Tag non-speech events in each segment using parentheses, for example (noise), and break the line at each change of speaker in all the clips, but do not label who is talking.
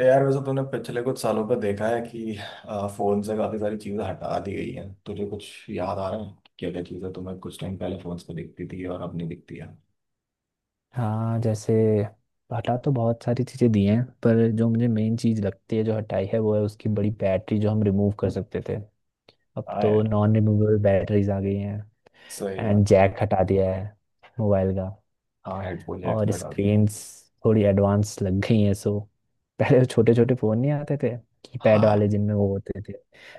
यार वैसे तूने पिछले कुछ सालों पर देखा है कि फोन से काफी सारी चीजें हटा दी गई हैं। तुझे कुछ याद आ रहा है क्या क्या चीजें तुम्हें कुछ टाइम पहले फोन पे दिखती थी और अब नहीं दिखती है।
हाँ, जैसे हटा तो बहुत सारी चीज़ें दी हैं, पर जो मुझे मेन चीज़ लगती है जो हटाई है वो है उसकी बड़ी बैटरी जो हम रिमूव कर सकते थे। अब
हाँ
तो
यार,
नॉन रिमूवेबल बैटरीज आ गई हैं।
सही
एंड
बात।
जैक हटा दिया है मोबाइल का।
हाँ, हेडफोन जैक
और
भी हटा दी।
स्क्रीन्स थोड़ी एडवांस लग गई हैं, सो (laughs) पहले छोटे छोटे फ़ोन नहीं आते थे, कीपैड वाले
हाँ,
जिनमें वो होते थे।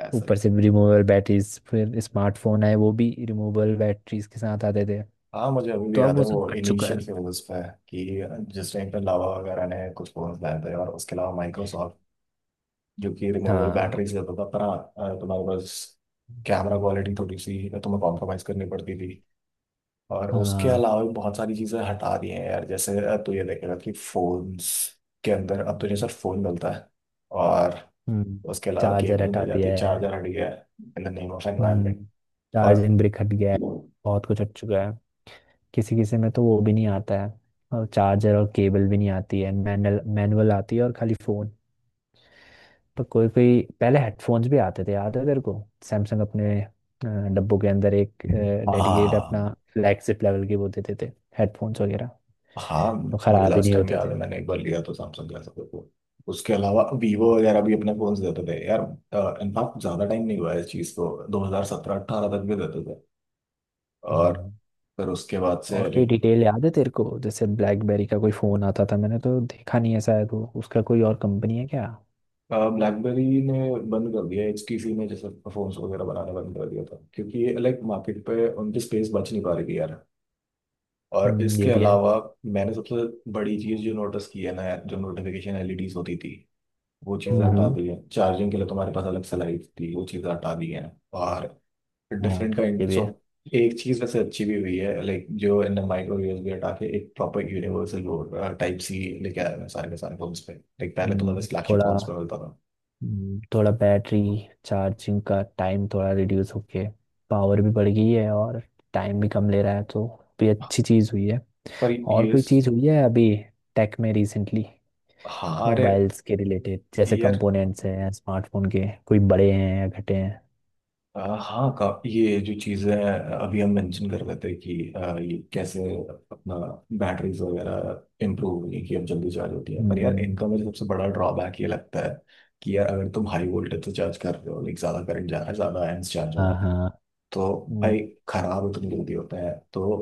ऐसा ही।
ऊपर से रिमूवेबल बैटरीज, फिर स्मार्टफोन आए वो भी रिमूवेबल बैटरीज के साथ आते थे।
हाँ, मुझे अभी भी
तो अब
याद है
वो
वो
सब हट चुका
इनिशियल
है।
फेजेस पे कि जिस टाइम पे लावा वगैरह ने कुछ फोन लाए थे, और उसके अलावा माइक्रोसॉफ्ट, जो कि रिमूवेबल
हाँ
बैटरी से होता था। पर हाँ, तुम्हारे पास कैमरा क्वालिटी थोड़ी सी तुम्हें कॉम्प्रोमाइज करनी पड़ती थी। और उसके
हाँ।
अलावा भी बहुत सारी चीजें हटा दी हैं यार। जैसे अब तो ये देखेगा कि फोन्स के अंदर अब तुझे सिर्फ फोन मिलता है, और
हम्म।
उसके अलावा
चार्जर
केबल
हटा
मिल जाती
दिया
है।
है।
चार्जर हट गया है in the name of
hmm.
Environment. और
चार्जिंग ब्रिक हट गया है। बहुत कुछ हट चुका है। किसी किसी में तो वो भी नहीं आता है और चार्जर और केबल भी नहीं आती है, मैनुअल मैनुअल आती है और खाली फोन। पर कोई कोई पहले हेडफोन्स भी आते थे, याद है तेरे को? सैमसंग अपने डब्बों के अंदर एक
हाँ,
डेडिकेट
हाँ।
अपना, फ्लैगशिप लेवल के वो देते थे, हेडफोन्स वगैरह,
हाँ हाँ,
जो
मुझे
खराब ही
लास्ट
नहीं
टाइम
होते
याद
थे।
है मैंने एक बार लिया तो सैमसंग का सब को। उसके अलावा वीवो वगैरह भी अपने फोन देते थे यार। इनफैक्ट ज्यादा टाइम नहीं हुआ है इस चीज को, 2017 18 तक भी देते थे। और
हम्म।
फिर उसके बाद से
और कोई
like
डिटेल याद है तेरे को, जैसे ब्लैकबेरी का कोई फ़ोन आता था? मैंने तो देखा नहीं है, शायद वो उसका कोई और कंपनी है क्या?
ब्लैकबेरी ने बंद कर दिया, एचटीसी ने जैसे फोन वगैरह बनाना बंद कर दिया था, क्योंकि ये लाइक मार्केट पे उनकी स्पेस बच नहीं पा रही थी यार। और
ये
इसके
भी है।
अलावा मैंने सबसे बड़ी चीज़ जो नोटिस की है ना यार, जो नोटिफिकेशन एलईडीज होती थी, वो चीज़ें हटा
हम्म।
दी है। चार्जिंग के लिए तुम्हारे पास अलग से लाइट थी, वो चीज़ें हटा दी हैं। और
हाँ,
डिफरेंट
ये
काइंड्स
भी है।
ऑफ एक चीज़ वैसे अच्छी भी हुई है लाइक, जो इन माइक्रो यूएसबी हटा के एक प्रॉपर यूनिवर्सल टाइप सी लेके आया है सारे के सारे फोन्स पे। लाइक पहले तुम्हें बस फ्लैगशिप फोन्स पे
थोड़ा।
मिलता था।
थोड़ा बैटरी चार्जिंग का टाइम थोड़ा रिड्यूस होके पावर भी बढ़ गई है और टाइम भी कम ले रहा है, तो भी अच्छी चीज़ हुई है।
पर
और
ये
कोई
स-
चीज़ हुई है अभी टेक में रिसेंटली,
हाँ अरे
मोबाइल्स के रिलेटेड, जैसे
यार,
कंपोनेंट्स हैं स्मार्टफोन के, कोई बड़े हैं या घटे हैं?
हाँ का ये जो चीजें अभी हम मेंशन कर रहे थे कि ये कैसे अपना बैटरीज वगैरह इम्प्रूव हुई कि अब जल्दी चार्ज होती है, पर यार
हम्म,
इनका मुझे सबसे बड़ा ड्रॉबैक ये लगता है कि यार अगर तुम हाई वोल्टेज से चार्ज कर रहे हो, लाइक ज्यादा करंट जा रहा है, ज्यादा एम्स चार्ज हो
हाँ
रहा है,
हाँ।
तो भाई खराब इतनी जल्दी होता है। तो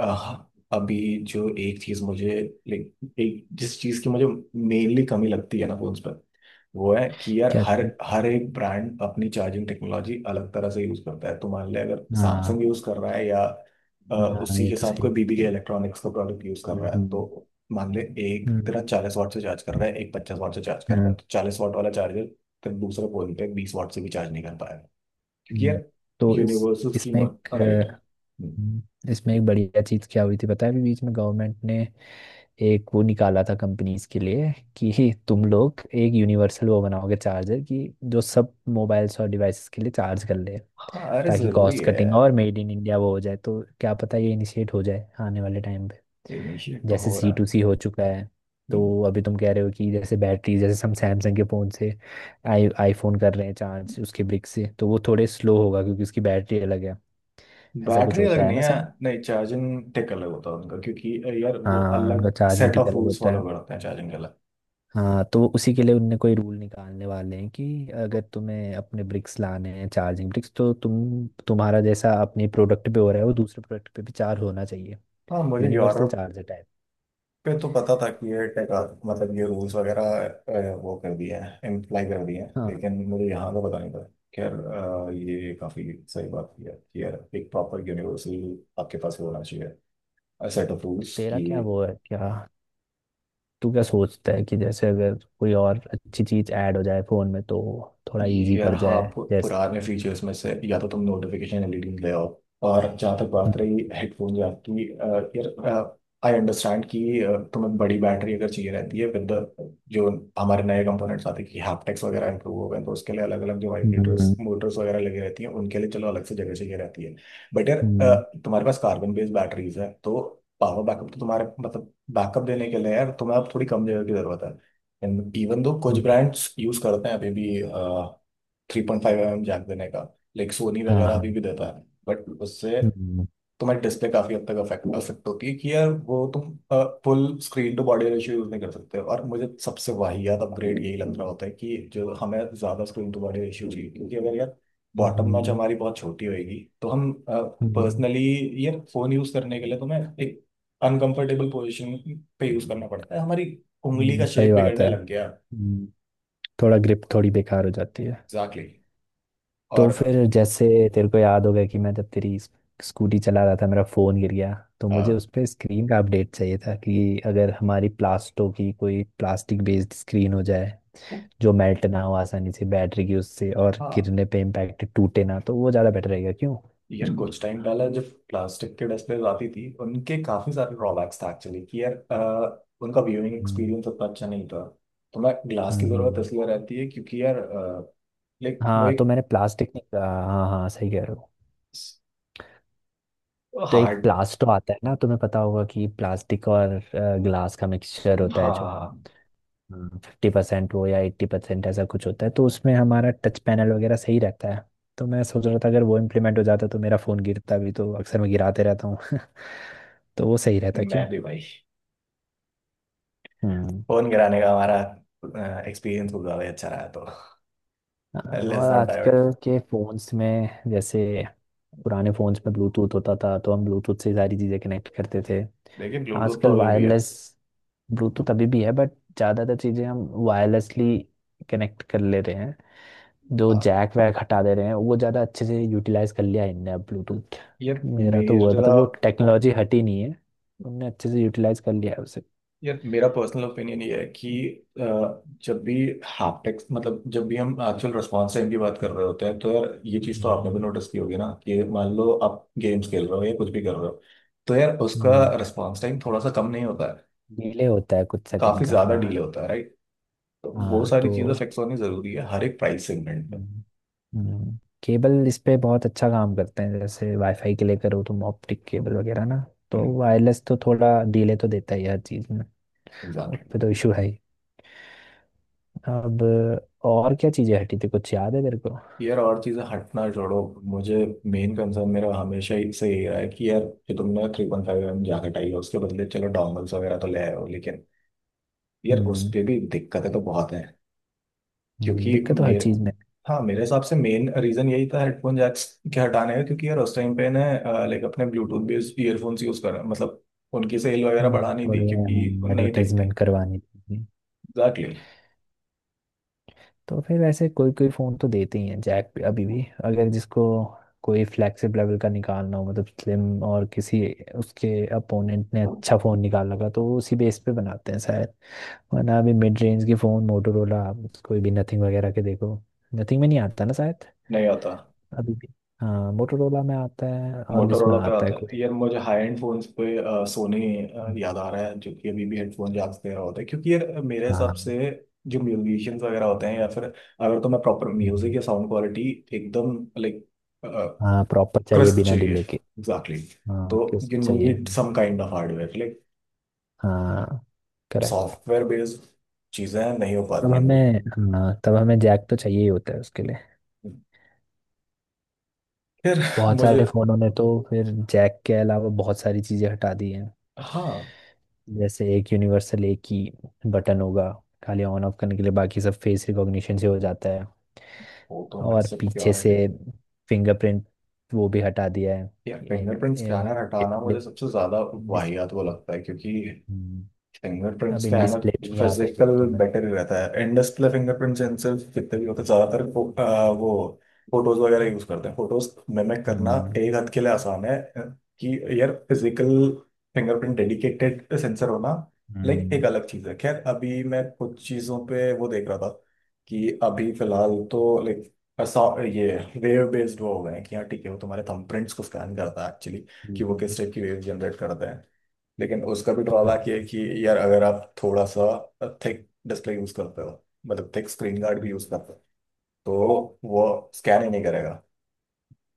आह, अभी जो एक चीज मुझे लाइक, एक जिस चीज की मुझे मेनली कमी लगती है ना फोन्स पर, वो है कि यार
क्या
हर
चाहिए?
हर एक ब्रांड अपनी चार्जिंग टेक्नोलॉजी अलग तरह से यूज करता है। तो मान ले अगर
हाँ
सैमसंग यूज कर रहा है या अ,
हाँ,
उसी
ये
के
तो
साथ
सही
कोई बीबी के
है।
इलेक्ट्रॉनिक्स का प्रोडक्ट यूज कर रहा है,
हम्म।
तो मान ले एक तेरा
हम्म,
चालीस वाट से चार्ज कर रहा है, एक पचास वाट से चार्ज कर रहा
हाँ।
है, तो चालीस वाट वाला चार्जर फिर दूसरे फोन पे बीस वाट से भी चार्ज नहीं कर पाएगा, क्योंकि
हम्म।
यार
तो इस
यूनिवर्सल स्कीम
इसमें एक
राइट है।
अ,
हम्म।
हम्म, इसमें एक बढ़िया चीज क्या हुई थी पता है, अभी बीच में गवर्नमेंट ने एक वो निकाला था कंपनीज के लिए कि (laughs) तुम लोग एक यूनिवर्सल वो बनाओगे चार्जर, कि जो सब मोबाइल्स और डिवाइसेस के लिए चार्ज कर ले।
हाँ अरे,
ताकि
जरूरी
कॉस्ट
है
कटिंग
यार।
और मेड इन इंडिया वो हो जाए, तो क्या पता ये इनिशिएट हो जाए आने वाले टाइम पे।
इनिशिएट तो
जैसे
हो रहा
सी
है।
टू सी हो चुका है। तो
हम्म।
अभी तुम कह रहे हो कि जैसे बैटरी, जैसे हम सैमसंग के फ़ोन से आई आईफोन कर रहे हैं चार्ज उसके ब्रिक से, तो वो थोड़े स्लो होगा क्योंकि उसकी बैटरी अलग है, ऐसा कुछ
बैटरी अलग
होता है
नहीं
ना
है।
सर?
नहीं, चार्जिंग टेक अलग होता है उनका, क्योंकि यार वो
हाँ,
अलग
उनका चार्जिंग
सेट
ठीक
ऑफ
अलग
रूल्स
होता
फॉलो
है।
करते हैं चार्जिंग के अलग।
हाँ, तो उसी के लिए उनने कोई रूल निकालने वाले हैं, कि अगर तुम्हें अपने ब्रिक्स लाने हैं चार्जिंग ब्रिक्स, तो तुम तुम्हारा जैसा अपने प्रोडक्ट पे हो रहा है वो दूसरे प्रोडक्ट पे भी चार्ज होना चाहिए।
हाँ, मुझे
यूनिवर्सल
यूरोप
चार्ज है टाइप।
पे तो पता था कि ये टेक, मतलब ये रूल्स वगैरह, वो कर दिया है, इम्प्लाई कर दिया है,
हाँ।
लेकिन मुझे यहाँ का पता नहीं था। खैर, ये काफी सही बात की है कि यार एक प्रॉपर यूनिवर्सल आपके पास होना चाहिए सेट ऑफ
अब
रूल्स
तेरा
कि।
क्या वो है क्या, तू क्या सोचता है कि जैसे अगर कोई और अच्छी चीज ऐड हो जाए फोन में तो थोड़ा इजी
यार
पड़
हाँ,
जाए? जैसे।
पुराने फीचर्स में से या तो तुम नोटिफिकेशन एलईडी ले आओ, और जहाँ तक
हम्म।
बात रही हेडफोन या की यार आई अंडरस्टैंड कि तुम्हें बड़ी बैटरी अगर चाहिए रहती है, विद जो हमारे नए कंपोनेंट्स आते हैं कि हैप्टिक्स वगैरह इंप्रूव हो गए हैं, तो उसके लिए अलग अलग जो वाइब्रेटर्स
हम्म,
मोटर्स वगैरह लगी रहती हैं उनके लिए चलो अलग से जगह चाहिए रहती है। बट यार,
हम्म,
तुम्हारे पास कार्बन बेस्ड बैटरीज है तो पावर बैकअप तो तुम्हारे, मतलब बैकअप देने के लिए यार तुम्हें अब थोड़ी कम जगह की जरूरत है। इवन दो कुछ
हम्म,
ब्रांड्स यूज करते हैं अभी भी three point five M M jack देने का, लाइक सोनी
हाँ
वगैरह अभी
हाँ।
भी देता है, बट उससे
हम्म।
तुम्हारी डिस्प्ले काफी हद तक अफेक्ट अफेक्ट होती है कि यार वो तुम full screen to body ratio use नहीं कर सकते। और मुझे सबसे वाहियात अपग्रेड यही लग रहा होता है कि जो हमें ज्यादा स्क्रीन टू बॉडी रेशियो चाहिए, क्योंकि अगर यार बॉटम नॉच
हम्म,
हमारी बहुत छोटी होगी, तो हम
हम्म,
पर्सनली यार फोन यूज करने के लिए तुम्हें एक अनकंफर्टेबल पोजीशन पे यूज करना पड़ता है, हमारी उंगली का
सही
शेप
बात
बिगड़ने
है।
लग गया।
हम्म, थोड़ा ग्रिप थोड़ी बेकार हो जाती है।
Exactly exactly.
तो
और
फिर जैसे तेरे को याद होगा कि मैं जब तेरी स्कूटी चला रहा था, मेरा फ़ोन गिर गया। तो मुझे
अ,
उस पर स्क्रीन का अपडेट चाहिए था कि अगर हमारी प्लास्टो की कोई प्लास्टिक बेस्ड स्क्रीन हो जाए, जो मेल्ट ना हो आसानी से बैटरी की उससे और
हाँ
गिरने पे इम्पैक्ट टूटे ना, तो वो ज़्यादा बेटर रहेगा क्यों?
यार, कुछ टाइम पहले जब प्लास्टिक के डिस्प्लेज आती थी, उनके काफी सारे ड्रॉबैक्स था एक्चुअली, कि यार उनका व्यूइंग
हम्म,
एक्सपीरियंस उतना अच्छा नहीं था। तो मैं ग्लास की जरूरत
हम्म।
इसलिए रहती है क्योंकि यार लाइक वो
हाँ तो
एक
मैंने प्लास्टिक नहीं कहा, हाँ हाँ सही कह रहे हो। तो एक
हार्ड।
प्लास्टो आता है ना, तुम्हें पता होगा कि प्लास्टिक और ग्लास का मिक्सचर
हाँ
होता है, जो
हाँ, हाँ,
50% हो या 80%, ऐसा कुछ होता है, तो उसमें हमारा टच पैनल वगैरह सही रहता है। तो मैं सोच रहा था अगर वो इम्प्लीमेंट हो जाता तो मेरा फ़ोन गिरता भी, तो अक्सर मैं गिराते रहता हूँ (laughs) तो वो सही रहता क्यों।
मैं भी भाई
हम्म।
फोन गिराने का हमारा एक्सपीरियंस कुछ ज्यादा ही अच्छा रहा तो (laughs)
हाँ, और
लेट्स नॉट डाइवर्ट।
आजकल के फ़ोन्स में जैसे पुराने फ़ोन्स में ब्लूटूथ होता था, तो हम ब्लूटूथ से सारी चीज़ें कनेक्ट करते थे।
लेकिन ब्लूटूथ तो
आजकल
अभी भी है।
वायरलेस, ब्लूटूथ अभी भी है बट ज़्यादातर चीज़ें हम वायरलेसली कनेक्ट कर ले रहे हैं। जो
हाँ
जैक वैक हटा दे रहे हैं वो ज़्यादा अच्छे से यूटिलाइज कर लिया है इनने अब ब्लूटूथ।
यार।
मेरा तो वो है
मेरा
मतलब वो टेक्नोलॉजी हटी नहीं है, उनने अच्छे से यूटिलाइज कर लिया है उसे।
मेरा पर्सनल ओपिनियन ये है कि अ, जब भी हैप्टिक्स, मतलब जब भी हम एक्चुअल रिस्पॉन्स टाइम की बात कर रहे होते हैं, तो यार ये चीज़ तो आपने भी
हम्म,
नोटिस की होगी ना कि मान लो आप गेम्स खेल रहे हो या कुछ भी कर रहे हो, तो यार उसका रिस्पॉन्स टाइम थोड़ा सा कम नहीं होता है,
डिले होता है कुछ
काफ़ी
सेकंड का,
ज़्यादा
हाँ।
डिले होता है, राइट। तो वो
हाँ
सारी चीज़ें
तो।
फिक्स होनी ज़रूरी है हर एक प्राइस सेगमेंट पर।
हम्म। हम्म, केबल इस पे बहुत अच्छा काम करते हैं, जैसे वाईफाई के लिए करो तुम ऑप्टिक केबल वगैरह ना। तो वायरलेस तो थोड़ा डिले तो देता ही है हर चीज़ में, उस
एग्जैक्टली।
पे तो इशू है ही। अब और क्या चीज़ें हटी थी, कुछ याद है तेरे को?
यार और चीज़ें हटना छोड़ो, मुझे मेन कंसर्न मेरा हमेशा ही से ये रहा है कि यार जो तुमने three point five M jacket आई है, उसके बदले चलो डोंगल्स वगैरह तो ले आए हो, लेकिन यार उस
हम्म।
पे भी दिक्कतें तो बहुत हैं, क्योंकि
दिक्कत तो हर
मेरे,
चीज़ में।
हाँ मेरे हिसाब से मेन रीजन यही था हेडफोन जैक्स के हटाने का, क्योंकि यार उस टाइम पे ना लाइक अपने ब्लूटूथ बेस्ड ईयरफोन्स यूज कर, मतलब उनकी सेल वगैरह
हम्म,
बढ़ानी थी
बढ़िया,
क्योंकि
हाँ
नई टेक
एडवर्टीजमेंट
थी।
करवानी थी।
एग्जैक्टली।
तो फिर वैसे कोई कोई फ़ोन तो देते ही हैं जैक पे अभी भी, अगर जिसको कोई फ्लैगशिप लेवल का निकालना हो मतलब स्लिम, और किसी उसके अपोनेंट ने अच्छा फ़ोन निकाल लगा तो वो उसी बेस पे बनाते हैं शायद। वरना अभी मिड रेंज के फ़ोन मोटोरोला, कोई भी नथिंग वगैरह के देखो, नथिंग में नहीं आता ना शायद
नहीं आता
अभी भी। हाँ मोटोरोला में आता है, और किसमें
मोटोरोला पे
आता है
आता
कोई।
है यार, मुझे हाई एंड फोन्स पे सोनी
हम्म,
याद आ रहा है जो कि अभी भी हेडफोन जैक्स दे रहा होता है, क्योंकि यार मेरे हिसाब
हाँ।
से जो म्यूजिशियंस वगैरह होते हैं या फिर अगर, तो मैं प्रॉपर म्यूजिक
हम्म,
या साउंड क्वालिटी एकदम लाइक
हाँ प्रॉपर चाहिए
क्रस्ट
बिना
चाहिए
डिले
था।
के।
Exactly exactly.
हाँ
तो
किस
यू
चाहिए।
Need some kind of hardware, like
हाँ, करेक्ट।
सॉफ्टवेयर बेस्ड चीज़ें नहीं हो पाती
तब
हैं भाई।
हमें, हाँ तब हमें जैक तो चाहिए ही होता है उसके लिए।
फिर
बहुत
मुझे,
सारे फोनों ने तो फिर जैक के अलावा बहुत सारी चीजें हटा दी हैं,
हाँ।
जैसे एक यूनिवर्सल एक ही बटन होगा खाली ऑन ऑफ करने के लिए, बाकी सब फेस रिकॉग्निशन से हो जाता है।
वो तो हमारी
और पीछे से
सिक्योरिटी
फिंगरप्रिंट वो भी हटा दिया है।
या
इन,
फिंगरप्रिंट
इन,
स्कैनर हटाना
डिस्प्ले-
मुझे सबसे ज़्यादा
डिस-
वाहियात वो लगता है, क्योंकि
हम्म,
फिंगरप्रिंट
अब इन
स्कैनर
डिस्प्ले भी नहीं आता है
फिजिकल
गिफ्टों में।
बेटर ही रहता है। एंड डिस्प्ले फिंगरप्रिंट सेंसर जितने भी होते हैं, ज्यादातर वो फोटोज वगैरह यूज करते हैं। फोटोज मिमिक करना
हम्म।
एक हद के लिए आसान है। कि यार फिजिकल फिंगरप्रिंट डेडिकेटेड सेंसर होना लाइक
हम्म।
एक अलग चीज है। खैर, अभी मैं कुछ चीजों पे वो देख रहा था कि अभी फिलहाल तो लाइक ये वेव बेस्ड वो हो गए हैं कि हाँ ठीक है वो तुम्हारे थंबप्रिंट्स को स्कैन करता है एक्चुअली, कि वो
हम्म,
किस टाइप की वेव जनरेट करते हैं। लेकिन उसका भी
हाँ,
ड्रॉबैक ये है कि यार अगर आप थोड़ा सा थिक डिस्प्ले यूज करते हो, मतलब थिक स्क्रीन गार्ड भी यूज
हम्म।
करते हो, तो वो स्कैन ही नहीं करेगा।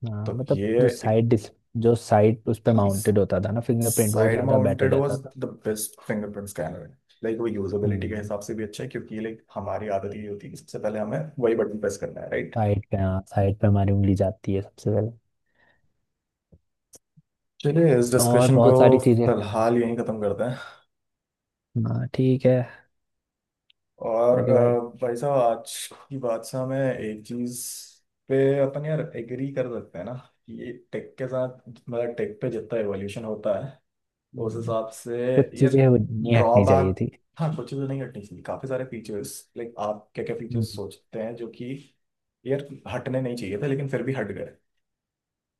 हाँ
तो
मतलब
ये एक
जो साइड उस पे माउंटेड होता था ना फिंगरप्रिंट, वो
साइड
ज्यादा बेटर
माउंटेड वाज
रहता था।
The best fingerprint scanner. Like वो यूजेबिलिटी के
हम्म।
हिसाब से भी अच्छा है, क्योंकि लाइक हमारी आदत ये होती है कि सबसे पहले हमें वही बटन प्रेस करना है, राइट।
साइड पे, हाँ साइड पे हमारी उंगली जाती है सबसे पहले।
चलिए इस
और
डिस्कशन को
बहुत सारी चीजें।
फिलहाल यहीं खत्म करते हैं।
हाँ ठीक है।
और
ओके भाई।
भाई साहब आज की बात से हमें एक चीज पे अपन यार एग्री कर सकते हैं ना, कि ये टेक के साथ, मतलब टेक पे जितना एवोल्यूशन होता है उस
हम्म,
हिसाब से
कुछ
यार
चीजें वो नहीं हटनी चाहिए
ड्रॉबैक।
थी।
हाँ, कुछ चीज़ें नहीं हटनी चाहिए। काफी सारे फीचर्स लाइक, आप क्या क्या फीचर्स
हम्म,
सोचते हैं जो कि यार हटने नहीं चाहिए थे लेकिन फिर भी हट गए।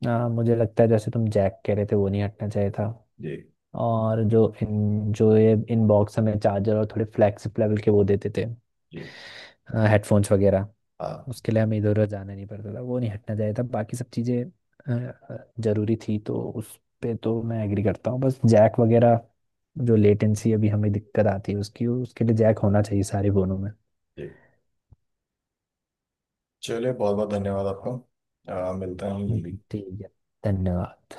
हाँ मुझे लगता है जैसे तुम जैक कह रहे थे वो नहीं हटना चाहिए था।
जी।
और जो ये इनबॉक्स हमें चार्जर और थोड़े फ्लैगशिप लेवल के वो देते थे
जी।
हेडफोन्स वगैरह,
हाँ।
उसके लिए हमें इधर उधर जाना नहीं पड़ता था, वो नहीं हटना चाहिए था। बाकी सब चीज़ें जरूरी थी तो उस पे तो मैं एग्री करता हूँ। बस जैक वगैरह, जो लेटेंसी अभी हमें दिक्कत आती है उसकी, उसके लिए जैक होना चाहिए सारे फोनों में।
जी। चलिए, बहुत बहुत धन्यवाद आपको। मिलते हैं हम
हम्म।
जल्दी।
ठीक है, धन्यवाद।